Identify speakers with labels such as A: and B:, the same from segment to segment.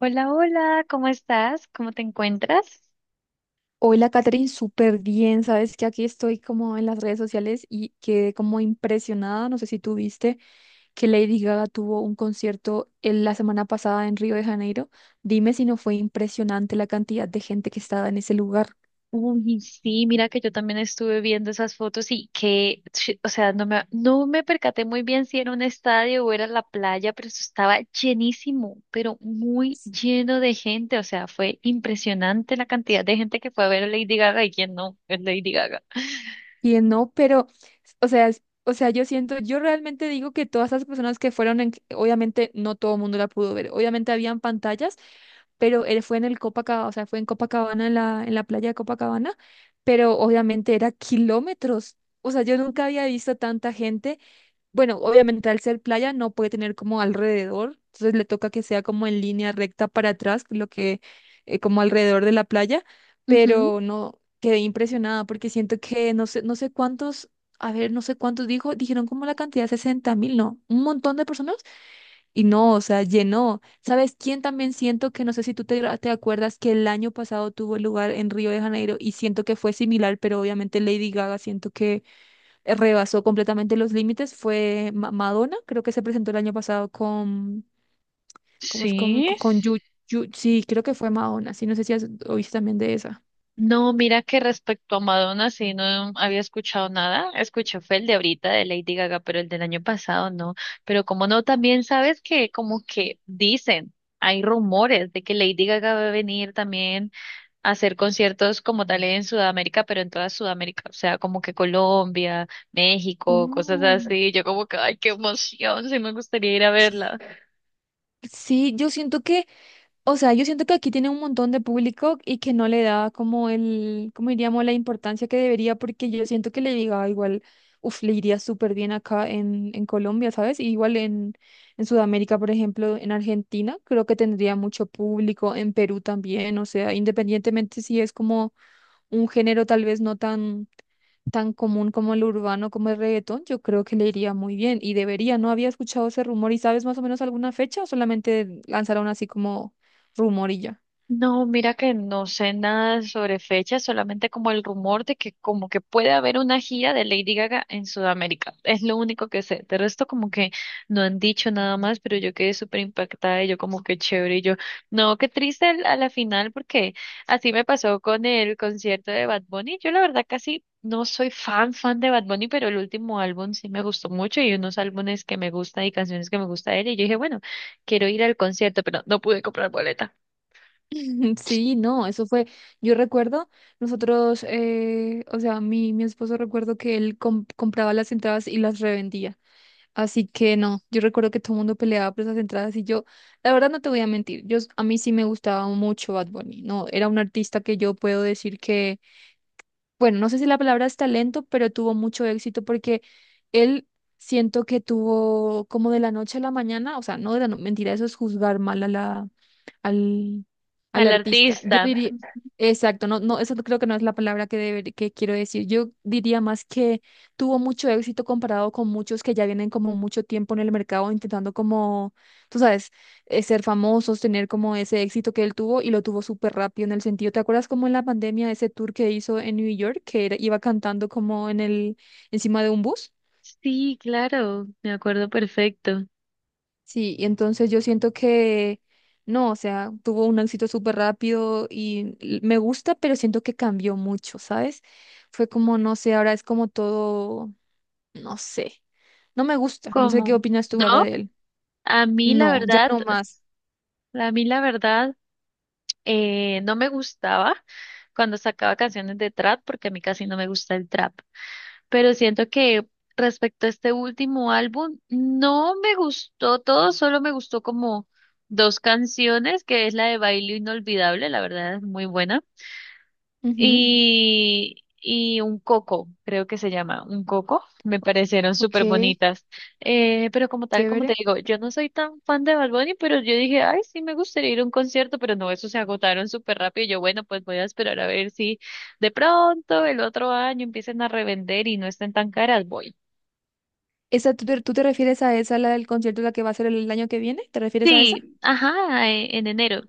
A: Hola, hola, ¿cómo estás? ¿Cómo te encuentras?
B: Hola, Catherine, súper bien. Sabes que aquí estoy como en las redes sociales y quedé como impresionada. No sé si tú viste que Lady Gaga tuvo un concierto en la semana pasada en Río de Janeiro. Dime si no fue impresionante la cantidad de gente que estaba en ese lugar.
A: Uy, sí, mira que yo también estuve viendo esas fotos y que, o sea, no me percaté muy bien si era un estadio o era la playa, pero eso estaba llenísimo, pero muy lleno de gente, o sea, fue impresionante la cantidad de gente que fue a ver a Lady Gaga y quién no es Lady Gaga.
B: Que no, pero, o sea, o sea, yo siento, yo realmente digo que todas esas personas que fueron, obviamente no todo el mundo la pudo ver, obviamente habían pantallas, pero él fue en el Copacabana, o sea, fue en Copacabana, en en la playa de Copacabana, pero obviamente era kilómetros, o sea, yo nunca había visto tanta gente. Bueno, obviamente al ser playa no puede tener como alrededor, entonces le toca que sea como en línea recta para atrás, lo que como alrededor de la playa,
A: Ujú.
B: pero no quedé impresionada porque siento que no sé, no sé cuántos, a ver, no sé cuántos dijeron como la cantidad, 60.000, no, un montón de personas y no, o sea, llenó. ¿Sabes quién también siento que no sé si tú te acuerdas que el año pasado tuvo lugar en Río de Janeiro y siento que fue similar, pero obviamente Lady Gaga siento que rebasó completamente los límites fue Madonna, creo que se presentó el año pasado con, ¿cómo es? Con,
A: Sí.
B: con sí, creo que fue Madonna, sí, no sé si oíste también de esa.
A: No, mira que respecto a Madonna sí no había escuchado nada. Escuché fue el de ahorita de Lady Gaga, pero el del año pasado no. Pero como no, también sabes que como que dicen, hay rumores de que Lady Gaga va a venir también a hacer conciertos como tal en Sudamérica, pero en toda Sudamérica, o sea, como que Colombia, México, cosas
B: Uh,
A: así. Yo como que, ay, qué emoción, sí me gustaría ir a verla.
B: ok. Sí, yo siento que, o sea, yo siento que aquí tiene un montón de público y que no le da como el, como diríamos, la importancia que debería, porque yo siento que le diga igual, uf, le iría súper bien acá en Colombia, ¿sabes? Y igual en Sudamérica, por ejemplo, en Argentina, creo que tendría mucho público, en Perú también, o sea, independientemente si es como un género tal vez no tan tan común como el urbano, como el reggaetón, yo creo que le iría muy bien y debería. No había escuchado ese rumor y sabes más o menos alguna fecha o solamente lanzaron así como rumor y ya.
A: No, mira que no sé nada sobre fechas, solamente como el rumor de que como que puede haber una gira de Lady Gaga en Sudamérica. Es lo único que sé. De resto como que no han dicho nada más, pero yo quedé súper impactada y yo como que chévere y yo, no, qué triste a la final porque así me pasó con el concierto de Bad Bunny. Yo la verdad casi no soy fan fan de Bad Bunny, pero el último álbum sí me gustó mucho y unos álbumes que me gusta y canciones que me gusta de él y yo dije, bueno, quiero ir al concierto, pero no pude comprar boleta.
B: Sí, no, eso fue, yo recuerdo, nosotros, o sea, mi esposo recuerdo que él compraba las entradas y las revendía. Así que no, yo recuerdo que todo el mundo peleaba por esas entradas y yo, la verdad no te voy a mentir, yo, a mí sí me gustaba mucho Bad Bunny, no, era un artista que yo puedo decir que, bueno, no sé si la palabra es talento, pero tuvo mucho éxito porque él siento que tuvo como de la noche a la mañana, o sea, no de la mentira, eso es juzgar mal a la, al, al
A: Al
B: artista. Yo
A: artista.
B: diría, exacto, no, no, eso creo que no es la palabra que, que quiero decir. Yo diría más que tuvo mucho éxito comparado con muchos que ya vienen como mucho tiempo en el mercado intentando como, tú sabes, ser famosos, tener como ese éxito que él tuvo y lo tuvo súper rápido en el sentido. ¿Te acuerdas como en la pandemia ese tour que hizo en New York, que iba cantando como en el, encima de un bus?
A: Sí, claro, me acuerdo perfecto.
B: Sí, y entonces yo siento que no, o sea, tuvo un éxito súper rápido y me gusta, pero siento que cambió mucho, ¿sabes? Fue como, no sé, ahora es como todo, no sé, no me gusta, no sé qué
A: ¿Cómo?
B: opinas tú ahora
A: No,
B: de él.
A: a mí la
B: No, ya
A: verdad,
B: no más.
A: a mí la verdad, no me gustaba cuando sacaba canciones de trap porque a mí casi no me gusta el trap. Pero siento que respecto a este último álbum, no me gustó todo, solo me gustó como dos canciones, que es la de Baile Inolvidable, la verdad es muy buena.
B: Ujú,
A: Y un coco, creo que se llama, un coco, me parecieron súper
B: ok,
A: bonitas. Pero como tal, como te
B: chévere.
A: digo, yo no soy tan fan de Bad Bunny, pero yo dije, ay, sí, me gustaría ir a un concierto, pero no, eso se agotaron súper rápido. Y yo, bueno, pues voy a esperar a ver si de pronto el otro año empiecen a revender y no estén tan caras, voy.
B: ¿Esa, tú, tú te refieres a esa, la del concierto, la que va a ser el año que viene? ¿Te refieres a esa?
A: Sí, ajá, en enero.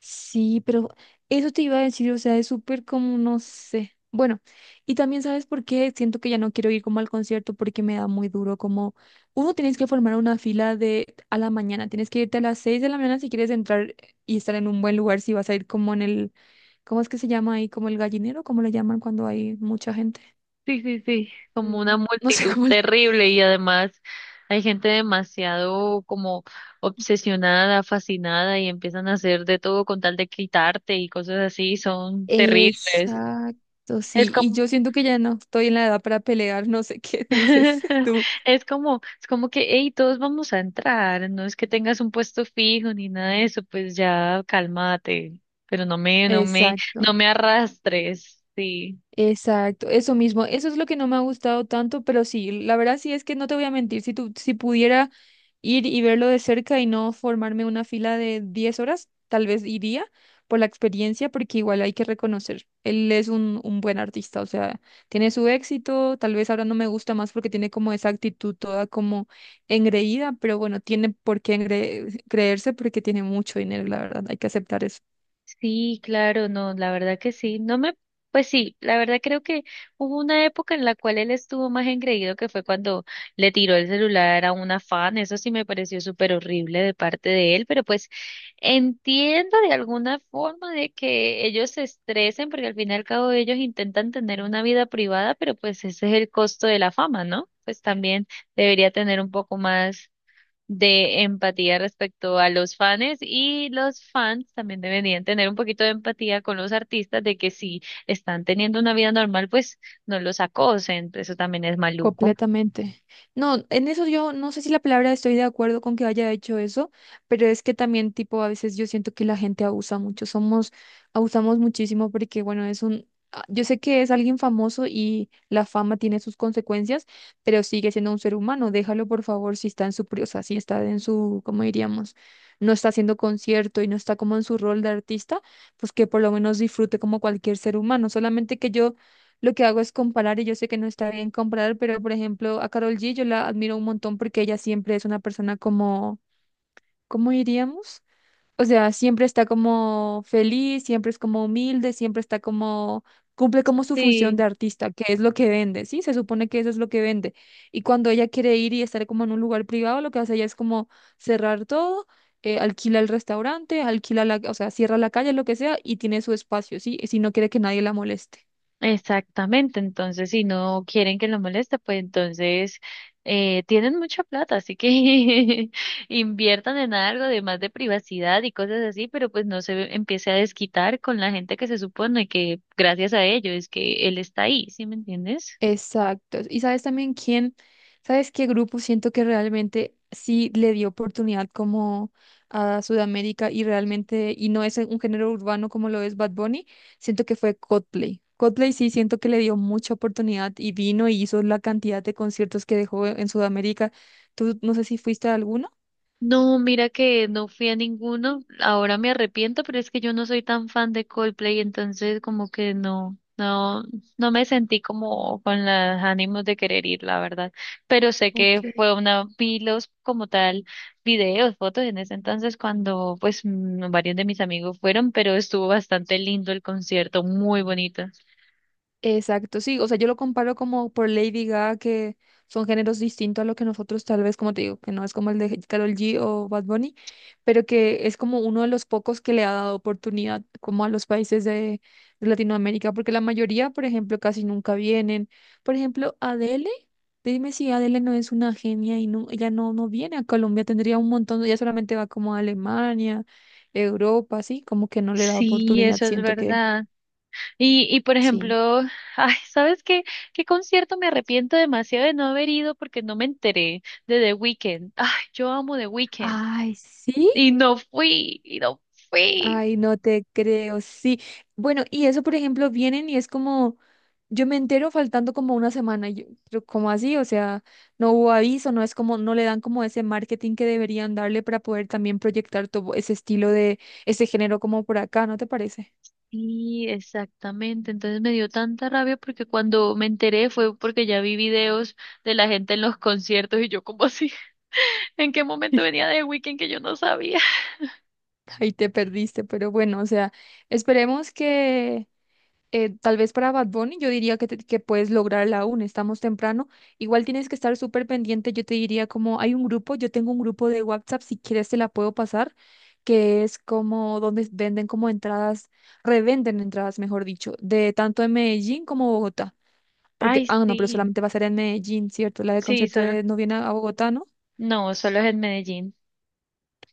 B: Sí, pero eso te iba a decir, o sea, es súper como, no sé. Bueno, y también sabes por qué siento que ya no quiero ir como al concierto porque me da muy duro, como uno tienes que formar una fila de a la mañana, tienes que irte a las 6 de la mañana si quieres entrar y estar en un buen lugar, si vas a ir como en el, ¿cómo es que se llama ahí? Como el gallinero, ¿cómo le llaman cuando hay mucha gente?
A: Sí, sí, sí,
B: Mm,
A: como una
B: no sé
A: multitud
B: cómo.
A: terrible y además hay gente demasiado como obsesionada, fascinada y empiezan a hacer de todo con tal de quitarte y cosas así, son terribles.
B: Exacto,
A: Es
B: sí, y
A: como,
B: yo siento que ya no estoy en la edad para pelear, no sé qué dices tú.
A: es como que, hey, todos vamos a entrar, no es que tengas un puesto fijo ni nada de eso, pues ya cálmate, pero no
B: Exacto.
A: me arrastres, sí.
B: Exacto, eso mismo, eso es lo que no me ha gustado tanto, pero sí, la verdad sí es que no te voy a mentir, si tú, si pudiera ir y verlo de cerca y no formarme una fila de 10 horas, tal vez iría por la experiencia, porque igual hay que reconocer, él es un buen artista, o sea, tiene su éxito, tal vez ahora no me gusta más porque tiene como esa actitud toda como engreída, pero bueno, tiene por qué creerse porque tiene mucho dinero, la verdad, hay que aceptar.
A: Sí, claro, no, la verdad que sí. No me, pues sí, la verdad creo que hubo una época en la cual él estuvo más engreído que fue cuando le tiró el celular a una fan. Eso sí me pareció súper horrible de parte de él, pero pues entiendo de alguna forma de que ellos se estresen porque al fin y al cabo ellos intentan tener una vida privada, pero pues ese es el costo de la fama, ¿no? Pues también debería tener un poco más de empatía respecto a los fans y los fans también deberían tener un poquito de empatía con los artistas de que si están teniendo una vida normal, pues no los acosen, eso también es maluco.
B: Completamente. No, en eso yo no sé si la palabra estoy de acuerdo con que haya hecho eso, pero es que también tipo a veces yo siento que la gente abusa mucho, somos, abusamos muchísimo porque bueno, es un, ah, yo sé que es alguien famoso y la fama tiene sus consecuencias, pero sigue siendo un ser humano, déjalo por favor si está en su, o sea, si está en su, ¿cómo diríamos? No está haciendo concierto y no está como en su rol de artista, pues que por lo menos disfrute como cualquier ser humano, solamente que yo lo que hago es comparar y yo sé que no está bien comparar, pero por ejemplo a Carol G yo la admiro un montón porque ella siempre es una persona como, ¿cómo diríamos? O sea, siempre está como feliz, siempre es como humilde, siempre está como, cumple como su función
A: Sí,
B: de artista, que es lo que vende, ¿sí? Se supone que eso es lo que vende. Y cuando ella quiere ir y estar como en un lugar privado, lo que hace ella es como cerrar todo. Alquila el restaurante, alquila la, o sea, cierra la calle, lo que sea, y tiene su espacio, ¿sí? Si no quiere que nadie la moleste.
A: exactamente, entonces si no quieren que lo moleste, pues entonces tienen mucha plata, así que inviertan en algo de más de privacidad y cosas así, pero pues no se empiece a desquitar con la gente que se supone que gracias a ello es que él está ahí, ¿sí me entiendes?
B: Exacto. Y sabes también quién, sabes qué grupo siento que realmente sí le dio oportunidad como a Sudamérica y realmente, y no es un género urbano como lo es Bad Bunny, siento que fue Coldplay. Coldplay sí siento que le dio mucha oportunidad y vino y hizo la cantidad de conciertos que dejó en Sudamérica. Tú no sé si fuiste a alguno.
A: No, mira que no fui a ninguno. Ahora me arrepiento, pero es que yo no soy tan fan de Coldplay, entonces como que no me sentí como con los ánimos de querer ir, la verdad. Pero sé que
B: Ok.
A: fue una, vi los como tal videos, fotos en ese entonces cuando pues mm, varios de mis amigos fueron, pero estuvo bastante lindo el concierto, muy bonito.
B: Exacto, sí, o sea, yo lo comparo como por Lady Gaga, que son géneros distintos a lo que nosotros tal vez, como te digo, que no es como el de Karol G o Bad Bunny, pero que es como uno de los pocos que le ha dado oportunidad como a los países de Latinoamérica, porque la mayoría, por ejemplo, casi nunca vienen. Por ejemplo, Adele, dime si Adele no es una genia y no, ella no, no viene a Colombia, tendría un montón, ella solamente va como a Alemania, Europa, sí, como que no le da
A: Sí,
B: oportunidad,
A: eso es
B: siento que
A: verdad. Y por
B: sí.
A: ejemplo, ay, ¿sabes qué? ¿Qué concierto me arrepiento demasiado de no haber ido porque no me enteré de The Weeknd? Ay, yo amo The Weeknd.
B: Ay, sí.
A: Y no fui, y no fui.
B: Ay, no te creo, sí. Bueno, y eso, por ejemplo, vienen y es como, yo me entero faltando como una semana, y yo, pero ¿cómo así? O sea, no hubo aviso, no es como, no le dan como ese marketing que deberían darle para poder también proyectar todo ese estilo de, ese género como por acá, ¿no te parece?
A: Sí, exactamente, entonces me dio tanta rabia porque cuando me enteré fue porque ya vi videos de la gente en los conciertos y yo como así, ¿en qué momento venía The Weeknd que yo no sabía?
B: Ahí te perdiste, pero bueno, o sea, esperemos que tal vez para Bad Bunny, yo diría que, que puedes lograrla aún, estamos temprano. Igual tienes que estar súper pendiente, yo te diría como hay un grupo, yo tengo un grupo de WhatsApp, si quieres te la puedo pasar, que es como donde venden como entradas, revenden entradas, mejor dicho, de tanto en Medellín como Bogotá. Porque,
A: Ay,
B: ah, no, pero
A: sí,
B: solamente va a ser en Medellín, ¿cierto? La del
A: sí,
B: concierto
A: solo,
B: de, no viene a Bogotá, ¿no?
A: no, solo es en Medellín.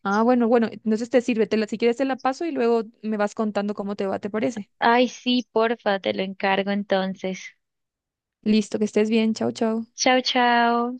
B: Ah, bueno, bueno, entonces te sirve, si quieres te la paso y luego me vas contando cómo te va, ¿te parece?
A: Ay, sí, porfa, te lo encargo entonces.
B: Listo, que estés bien, chao, chao.
A: Chao, chao.